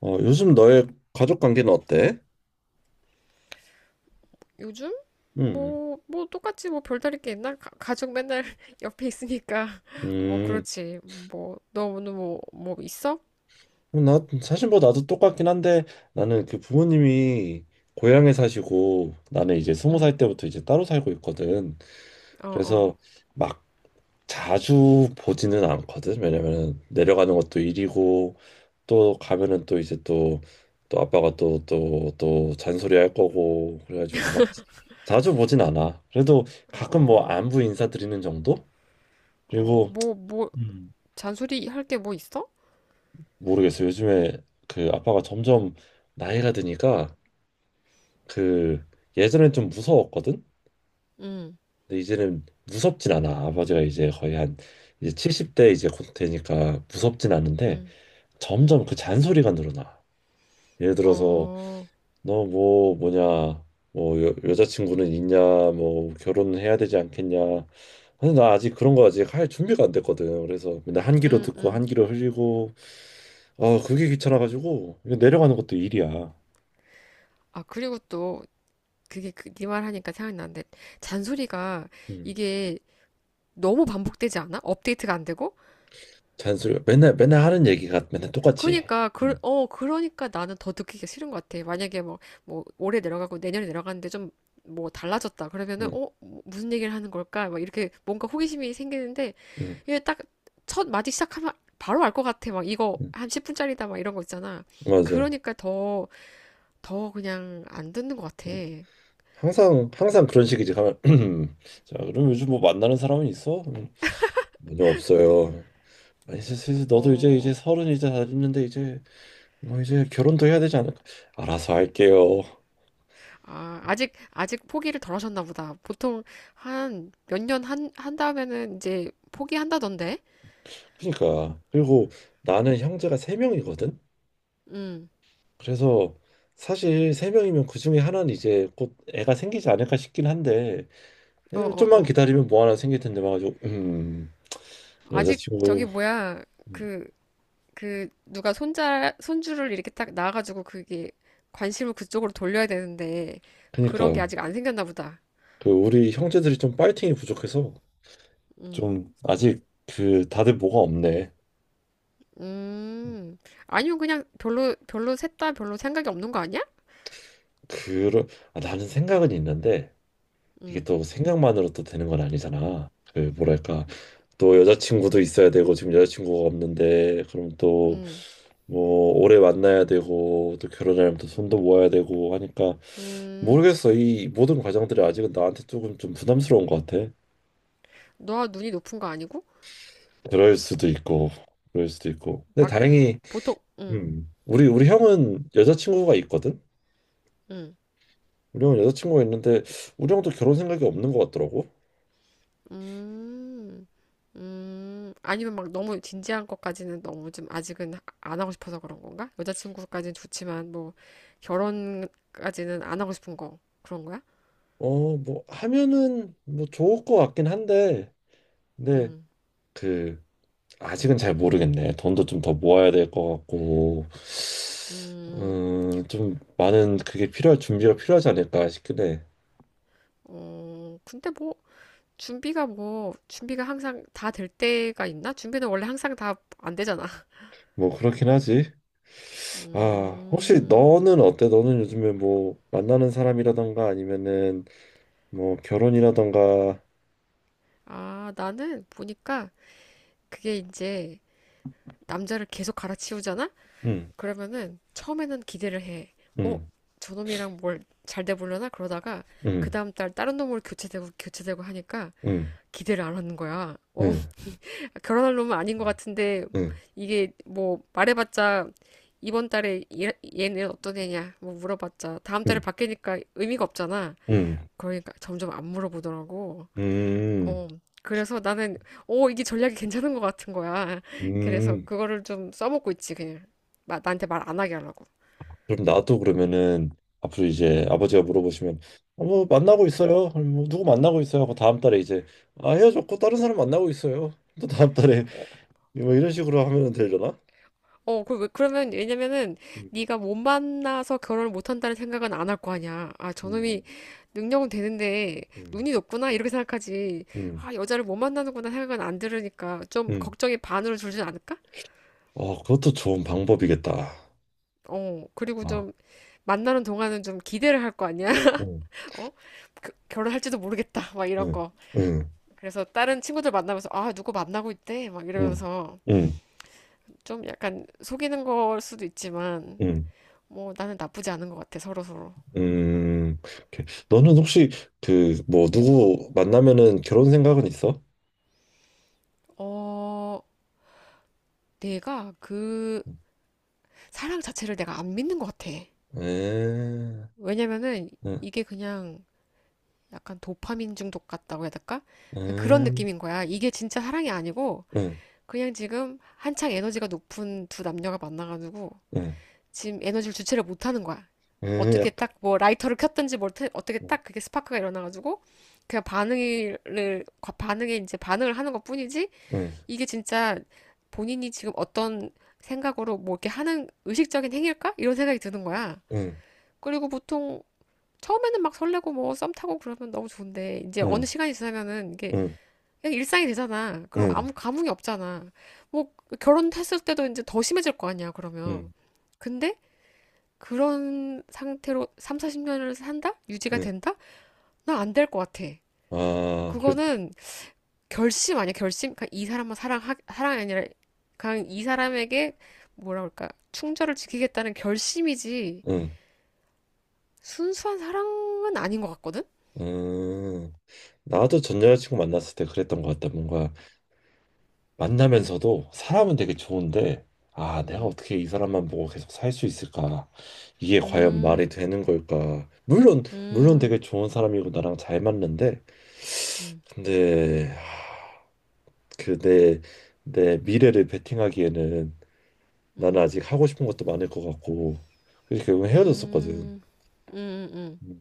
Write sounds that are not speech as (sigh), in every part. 요즘 너의 가족 관계는 어때? 요즘? 음, 뭐, 똑같지 뭐 별다를 게 있나? 가족 맨날 (laughs) 옆에 있으니까. (laughs) 뭐, 음, 그렇지. 뭐, 너 오늘 뭐 있어? 나 사실 뭐 나도 똑같긴 한데 나는 그 부모님이 고향에 사시고 나는 이제 스무 응, 살 때부터 이제 따로 살고 있거든. 어, 어, 그래서 막 자주 보지는 않거든. 왜냐면은 내려가는 것도 일이고 또 가면은 또 이제 또 아빠가 또 잔소리 할 거고 그래가지고 막 자주 보진 않아. 그래도 가끔 뭐 어, 안부 인사 드리는 정도? 어, 그리고 잔소리 할 게 뭐 있어? 모르겠어요. 요즘에 그 아빠가 점점 나이가 드니까 그 예전엔 좀 무서웠거든. 응, 근데 이제는 무섭진 않아. 아버지가 이제 거의 한 이제 70대 이제 곧 되니까 무섭진 않은데 응, 응, 점점 그 잔소리가 늘어나. 예를 들어서 어, 너 뭐 뭐냐 뭐 여자친구는 있냐 뭐 결혼은 해야 되지 않겠냐. 근데 나 아직 그런 거 아직 할 준비가 안 됐거든. 그래서 맨날 한 귀로 응, 듣고 응. 한 귀로 흘리고 아 그게 귀찮아가지고 이거 내려가는 것도 일이야. 아, 그리고 또, 그게 그, 네 말 하니까 생각나는데, 잔소리가 음. 이게 너무 반복되지 않아? 업데이트가 안 되고? 잔소리 맨날 맨날 하는 얘기가 맨날 똑같지. 그러니까 그, 응. 어 그러니까 나는 더 느끼기가 싫은 것 같아. 만약에 뭐 올해 내려가고 내년에 내려가는데 좀 뭐 달라졌다 그러면은 응, 뭐, 무슨 얘기를 하는 걸까? 막 이렇게 뭔가 호기심이 생기는데 응, 이게 딱 첫 마디 시작하면 바로 알 것 같아. 막 이거 응, 한 10분짜리다 막 이런 거 있잖아. 맞아. 그러니까 더 그냥 안 듣는 것 같아. 응. 항상 항상 그런 식이지. 가면 (clears throat) 자, 그럼 요즘 뭐 만나는 사람은 있어? 전혀 없어요. 아니, 너도 이제 어, 서른 이제 다 됐는데 이제 뭐 이제 결혼도 해야 되지 않을까? 알아서 할게요. 아, 아직 포기를 덜 하셨나 보다. 보통 한 몇 년 한 다음에는 이제 포기한다던데? 그러니까 그리고 나는 형제가 세 명이거든. 음, 그래서 사실 세 명이면 그 중에 하나는 이제 곧 애가 생기지 않을까 싶긴 한데 어, 어, 좀만 어. 기다리면 뭐 하나 생길 텐데 막 가지고 아직 저기 여자친구 뭐야 그 그 그 누가 손자 손주를 이렇게 딱 낳아가지고 그게 관심을 그쪽으로 돌려야 되는데 그런 게 그니까 아직 안 생겼나 보다. 그 우리 형제들이 좀 파이팅이 부족해서 음, 좀 아직 그 다들 뭐가 없네 음. 아니면 그냥 별로 셋 다 별로 생각이 없는 거 아니야? 그러 아, 나는 생각은 있는데 이게 음, 또 생각만으로 또 되는 건 아니잖아 그 뭐랄까 또 여자친구도 있어야 되고 지금 여자친구가 없는데 그럼 또 음, 뭐 오래 만나야 되고 또 결혼하려면 또 손도 모아야 되고 하니까 음. 모르겠어. 이 모든 과정들이 아직은 나한테 조금 좀 부담스러운 것 같아. 너와 눈이 높은 거 아니고 그럴 수도 있고 그럴 수도 있고 근데 막 다행히 보통 음, 우리 형은 여자친구가 있거든. 음. 우리 형은 여자친구가 있는데 우리 형도 결혼 생각이 없는 것 같더라고. 음, 아니면 막 너무 진지한 것까지는 너무 좀 아직은 안 하고 싶어서 그런 건가? 여자친구까지는 좋지만 뭐 결혼까지는 안 하고 싶은 거 그런 거야? 뭐 하면은 뭐 좋을 것 같긴 한데, 근데 음, 그 아직은 잘 모르겠네. 돈도 좀 더 모아야 될 것 같고, 음, 좀 많은 그게 필요할 준비가 필요하지 않을까 싶긴 해. 어, 근데 뭐 준비가 항상 다 될 때가 있나? 준비는 원래 항상 다 안 되잖아. (laughs) 뭐 그렇긴 하지. 아, 혹시 음, 너는 어때? 너는 요즘에 뭐 만나는 사람이라던가 아니면은 뭐 결혼이라던가, 아, 나는 보니까 그게 이제 남자를 계속 갈아치우잖아? 응, 그러면은 처음에는 기대를 해. 어, 응, 저놈이랑 뭘 잘 돼보려나 그러다가 그 응. 다음 달 다른 놈으로 교체되고 교체되고 하니까 응 기대를 안 하는 거야. 어, 응 (laughs) 결혼할 놈은 아닌 것 같은데 응 이게 뭐 말해봤자 이번 달에 얘는 어떤 애냐 뭐 물어봤자 다음 달에 응 바뀌니까 의미가 없잖아. 응 그러니까 점점 안 물어보더라고. 음, 어, 그래서 나는 어, 이게 전략이 괜찮은 것 같은 거야. (laughs) 그래서 음. 그거를 좀 써먹고 있지 그냥. 나한테 말 안 하게 하려고. 그럼 나도 그러면은 앞으로 이제 음. 아버지가 물어보시면 어, 뭐 만나고 있어요. 아니, 뭐 누구 만나고 있어요. 하고 다음 달에 이제 아 헤어졌고 다른 사람 만나고 있어요. 또 다음 달에 어, 뭐 이런 식으로 하면 되려나? 어, 그러면, 왜냐면은, 음, 네가 못 만나서 결혼을 못 한다는 생각은 안 할 거 아니야. 아, 저놈이 음, 능력은 되는데, 음, 눈이 높구나, 이렇게 생각하지. 음, 아, 여자를 못 만나는구나 생각은 안 들으니까, 좀 음. 걱정이 반으로 줄지 않을까? 어, 그것도 좋은 방법이겠다. 어, 그리고 아 좀, 만나는 동안은 좀 기대를 할 거 아니야? 응 (laughs) 어? 그- 결혼할지도 모르겠다, 막 이런 응 거. 응 그래서 다른 친구들 만나면서, 아, 누구 만나고 있대? 막 응 이러면서, 응 좀 약간 속이는 걸 수도 있지만, 응. 뭐, 나는 나쁘지 않은 것 같아, 서로서로. 음, 오케이. 너는 혹시 그 뭐 누구 만나면은 결혼 생각은 있어? 어, 내가 그 사랑 자체를 내가 안 믿는 것 같아. 음, 왜냐면은 음, 이게 그냥 약간 도파민 중독 같다고 해야 될까? 그런 음, 느낌인 거야. 이게 진짜 사랑이 아니고 음, 그냥 지금 한창 에너지가 높은 두 남녀가 만나가지고 음, 지금 에너지를 주체를 못하는 거야. 어떻게 약간, 딱 뭐 라이터를 켰든지 어떻게 음, 딱 그게 스파크가 일어나가지고 그냥 반응을 반응에 이제 반응을 하는 것뿐이지 음, 이게 진짜 본인이 지금 어떤 생각으로 뭐 이렇게 하는 의식적인 행위일까? 이런 생각이 드는 거야. 음, 그리고 보통 처음에는 막 설레고 뭐 썸 타고 그러면 너무 좋은데 이제 어느 시간이 지나면은 이게 음, 그냥 일상이 되잖아. 그럼 음, 아무 감흥이 없잖아. 뭐 결혼했을 때도 이제 더 심해질 거 아니야, 그러면. 음, 근데 그런 상태로 3, 40년을 산다? 유지가 음. 된다? 나 안 될 것 같아. 아, 그래, 그거는 결심 아니야 결심 그이 사람만 사랑하 사랑이 아니라 그냥 이 사람에게 뭐라 그럴까 충절을 지키겠다는 결심이지 음, 순수한 사랑은 아닌 것 같거든 음. 나도 전 여자친구 만났을 때 그랬던 것 같다. 뭔가 만나면서도 사람은 되게 좋은데 아, 내가 음, 어떻게 이 사람만 보고 계속 살 수 있을까? 이게 과연 말이 음, 되는 걸까? 물론 물론 음, 되게 좋은 사람이고 나랑 잘 맞는데 음, 근데 그 내 미래를 베팅하기에는 나는 음, 아직 하고 싶은 것도 많을 것 같고 그래서 결국 헤어졌었거든. 음, 음, 음. 음.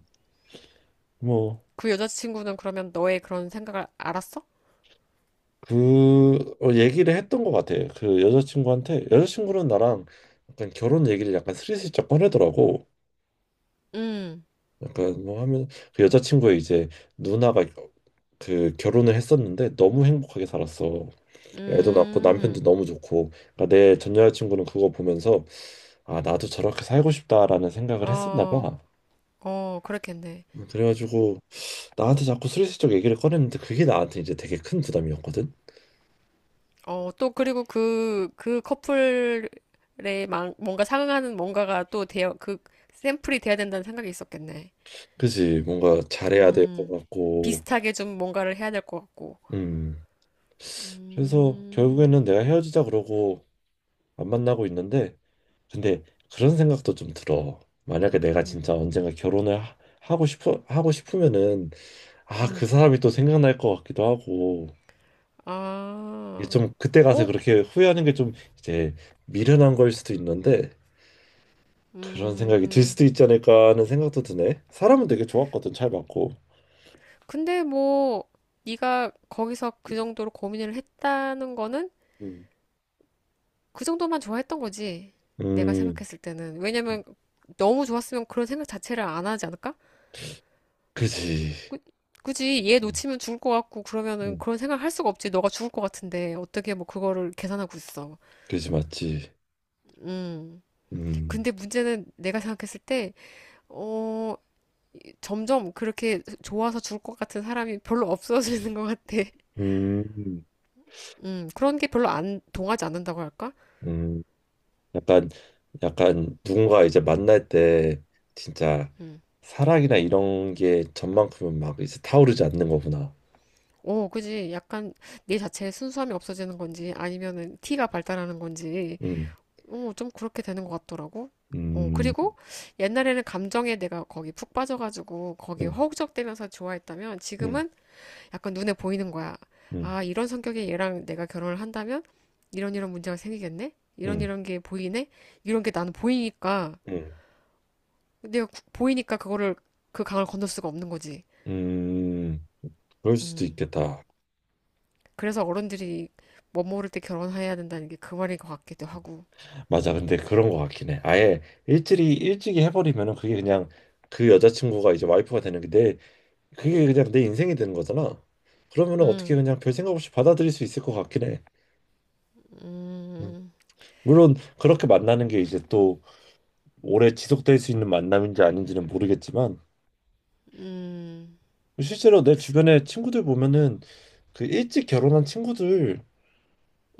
뭐 그 여자친구는 그러면 너의 그런 생각을 알았어? 그 어, 얘기를 했던 것 같아. 그 여자친구한테 여자친구는 나랑 약간 결혼 얘기를 약간 스리슬쩍 꺼내더라고. 응. 약간 뭐 하면 그 여자친구의 이제 누나가 그 결혼을 했었는데 너무 행복하게 살았어. 애도 낳고 남편도 음, 너무 좋고. 그러니까 내 전 여자친구는 그거 보면서 아 나도 저렇게 살고 싶다라는 생각을 했었나 어, 봐. 어, 그렇겠네. 그래가지고 나한테 자꾸 슬슬쩍 얘기를 꺼냈는데 그게 나한테 이제 되게 큰 부담이었거든. 어, 또 그리고 그 커플에 뭔가 상응하는 뭔가가 또 되어, 그 샘플이 돼야 된다는 생각이 있었겠네. 그지, 뭔가 잘해야 될 것 음, 같고. 비슷하게 좀 뭔가를 해야 될 것 같고. 음. 그래서 음, 결국에는 내가 헤어지자 그러고 안 만나고 있는데 근데 그런 생각도 좀 들어. 만약에 내가 음, 진짜 언젠가 결혼을 하고 싶어 하고 싶으면은 아, 음. 그 사람이 또 생각날 것 같기도 하고 이게 아, 좀 그때 가서 어, 그렇게 후회하는 게 좀 이제 미련한 걸 수도 있는데 그런 생각이 들 음. 수도 있지 않을까 하는 생각도 드네. 사람은 되게 좋았거든, 잘 맞고. 근데 뭐, 네가 거기서 그 정도로 고민을 했다는 거는 음. 그 정도만 좋아했던 거지. 내가 음, 생각했을 때는. 왜냐면 너무 좋았으면 그런 생각 자체를 안 하지 않을까? 그지. 그- 굳이 얘 음, 놓치면 죽을 것 같고 그러면은 음, 그런 생각 할 수가 없지. 너가 죽을 것 같은데 어떻게 뭐 그거를 계산하고 있어. 그지 맞지. 음. 음, 근데 문제는 내가 생각했을 때, 어, 점점 그렇게 좋아서 죽을 것 같은 사람이 별로 없어지는 것 같아. 음. 음. 그런 게 별로 안 동하지 않는다고 할까? 음. 약간 약간 누군가 이제 만날 때 진짜 음. 사랑이나 이런 게 전만큼은 막 이제 타오르지 않는 거구나. 오, 그지. 약간 내 자체의 순수함이 없어지는 건지 아니면은 티가 발달하는 건지 음, 어, 좀 그렇게 되는 것 같더라고. 어, 음, 그리고 옛날에는 감정에 내가 거기 푹 빠져가지고 거기 음, 허우적대면서 좋아했다면 음, 지금은 약간 눈에 보이는 거야. 음, 아, 이런 성격의 얘랑 내가 결혼을 한다면 이런 이런 문제가 생기겠네? 이런 음, 이런 게 보이네? 이런 게 나는 보이니까 음, 보이니까 그거를 그 강을 건널 수가 없는 거지. 음, 그럴 수도 음. 있겠다. 그래서 어른들이 멋 모를 때 결혼해야 된다는 게 그 말인 것 같기도 하고. 맞아. 근데 그런 거 같긴 해. 아예 일찍이 일찍이 해버리면은 그게 그냥 그 여자친구가 이제 와이프가 되는 게 내 그게 그냥 내 인생이 되는 거잖아. 그러면은 어떻게 음, 그냥 별 생각 없이 받아들일 수 있을 것 같긴 해. 음. 음, 물론 그렇게 만나는 게 이제 또 오래 지속될 수 있는 만남인지 아닌지는 모르겠지만 음, 실제로 내 주변에 친구들 보면은 그 일찍 결혼한 친구들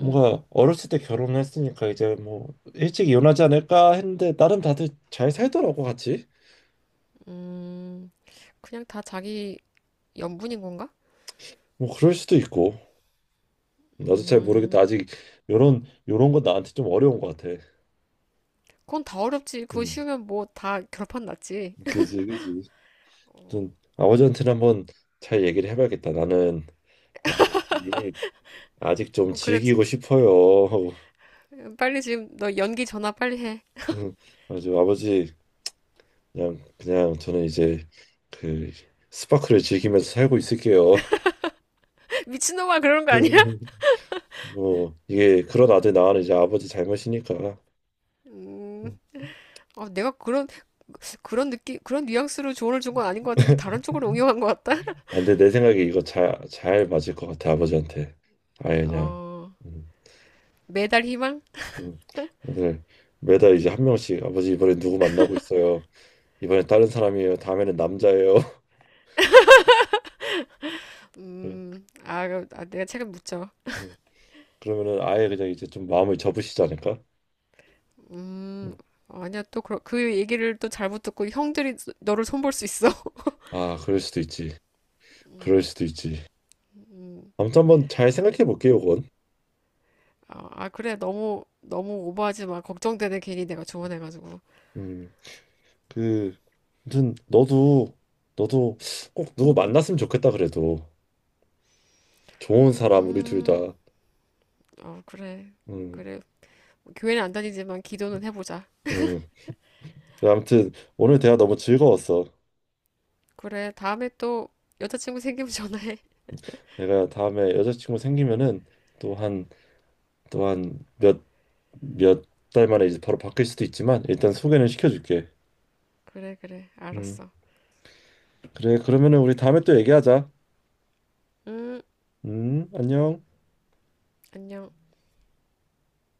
음, 어렸을 때 결혼했으니까 이제 뭐 일찍 이혼하지 않을까 했는데 나름 다들 잘 살더라고 같이 음. 그냥 다 자기 연분인 건가? 뭐 그럴 수도 있고 나도 잘 모르겠다 음, 아직. 요런 요런 거 나한테 좀 어려운 것 같아. 그건 다 어렵지. 그거 음 쉬우면 뭐 다 결판 났지. 그지 그지. 어, 좀 아버지한테는 한번 잘 얘기를 해봐야겠다. 나는 나는 아직 아직 좀 어, 그래. 즐기고 싶어요. 빨리 지금 너 연기 전화 빨리 해. (laughs) 음, 아주 아버지 그냥 그냥 저는 이제 그 스파크를 즐기면서 살고 있을게요. (laughs) 미친놈아, 그런 거 아니야? (laughs) 뭐 이게 그런 아들 낳아는 이제 아버지 잘못이니까. 음, 어, 내가 그런, 그런 느낌, 그런 뉘앙스로 조언을 준 건 아닌 것 같은데 다른 쪽으로 응용한 것 같다? 아, 근데 내 생각에 이거 잘 맞을 것 같아 아버지한테. 아예 그냥 어, 음, 매달 희망? 음. 오늘 매달 이제 한 명씩 아버지 이번에 누구 만나고 있어요. 이번엔 다른 사람이에요. 다음에는 남자예요. (laughs) 음, 아, 아, 내가 책임 묻죠. 음. 그러면은 아예 그냥 이제 좀 마음을 접으시지 않을까? 음, 음. 아니야, 또 그, 그 얘기를 또 잘 못 듣고 형들이 너를 손볼 수 있어. 아 그럴 수도 있지. 그럴 수도 있지. 아무튼 한번 잘 생각해 볼게요, 그건. 아, 아, 그래. 너무, 너무 오버하지 마. 걱정되네. 괜히 내가 조언해가지고. 음. 그 아무튼 너도 너도 꼭 누구 만났으면 좋겠다 그래도 좋은 사람 우리 둘 음, 다. 어, 그래. 어, 음, 그래. 교회는 안 다니지만 기도는 해보자. 음. 그래, 아무튼 오늘 대화 너무 즐거웠어. 그래. 다음에 또 여자친구 생기면 전화해. (laughs) 내가 다음에 여자친구 생기면은 또 한 또 한 몇 몇 달 만에 이제 바로 바뀔 수도 있지만 일단 소개는 시켜줄게. 그래, 그래. 음. 알았어. 그래 그러면은 우리 다음에 또 얘기하자. 음, 안녕. 안녕.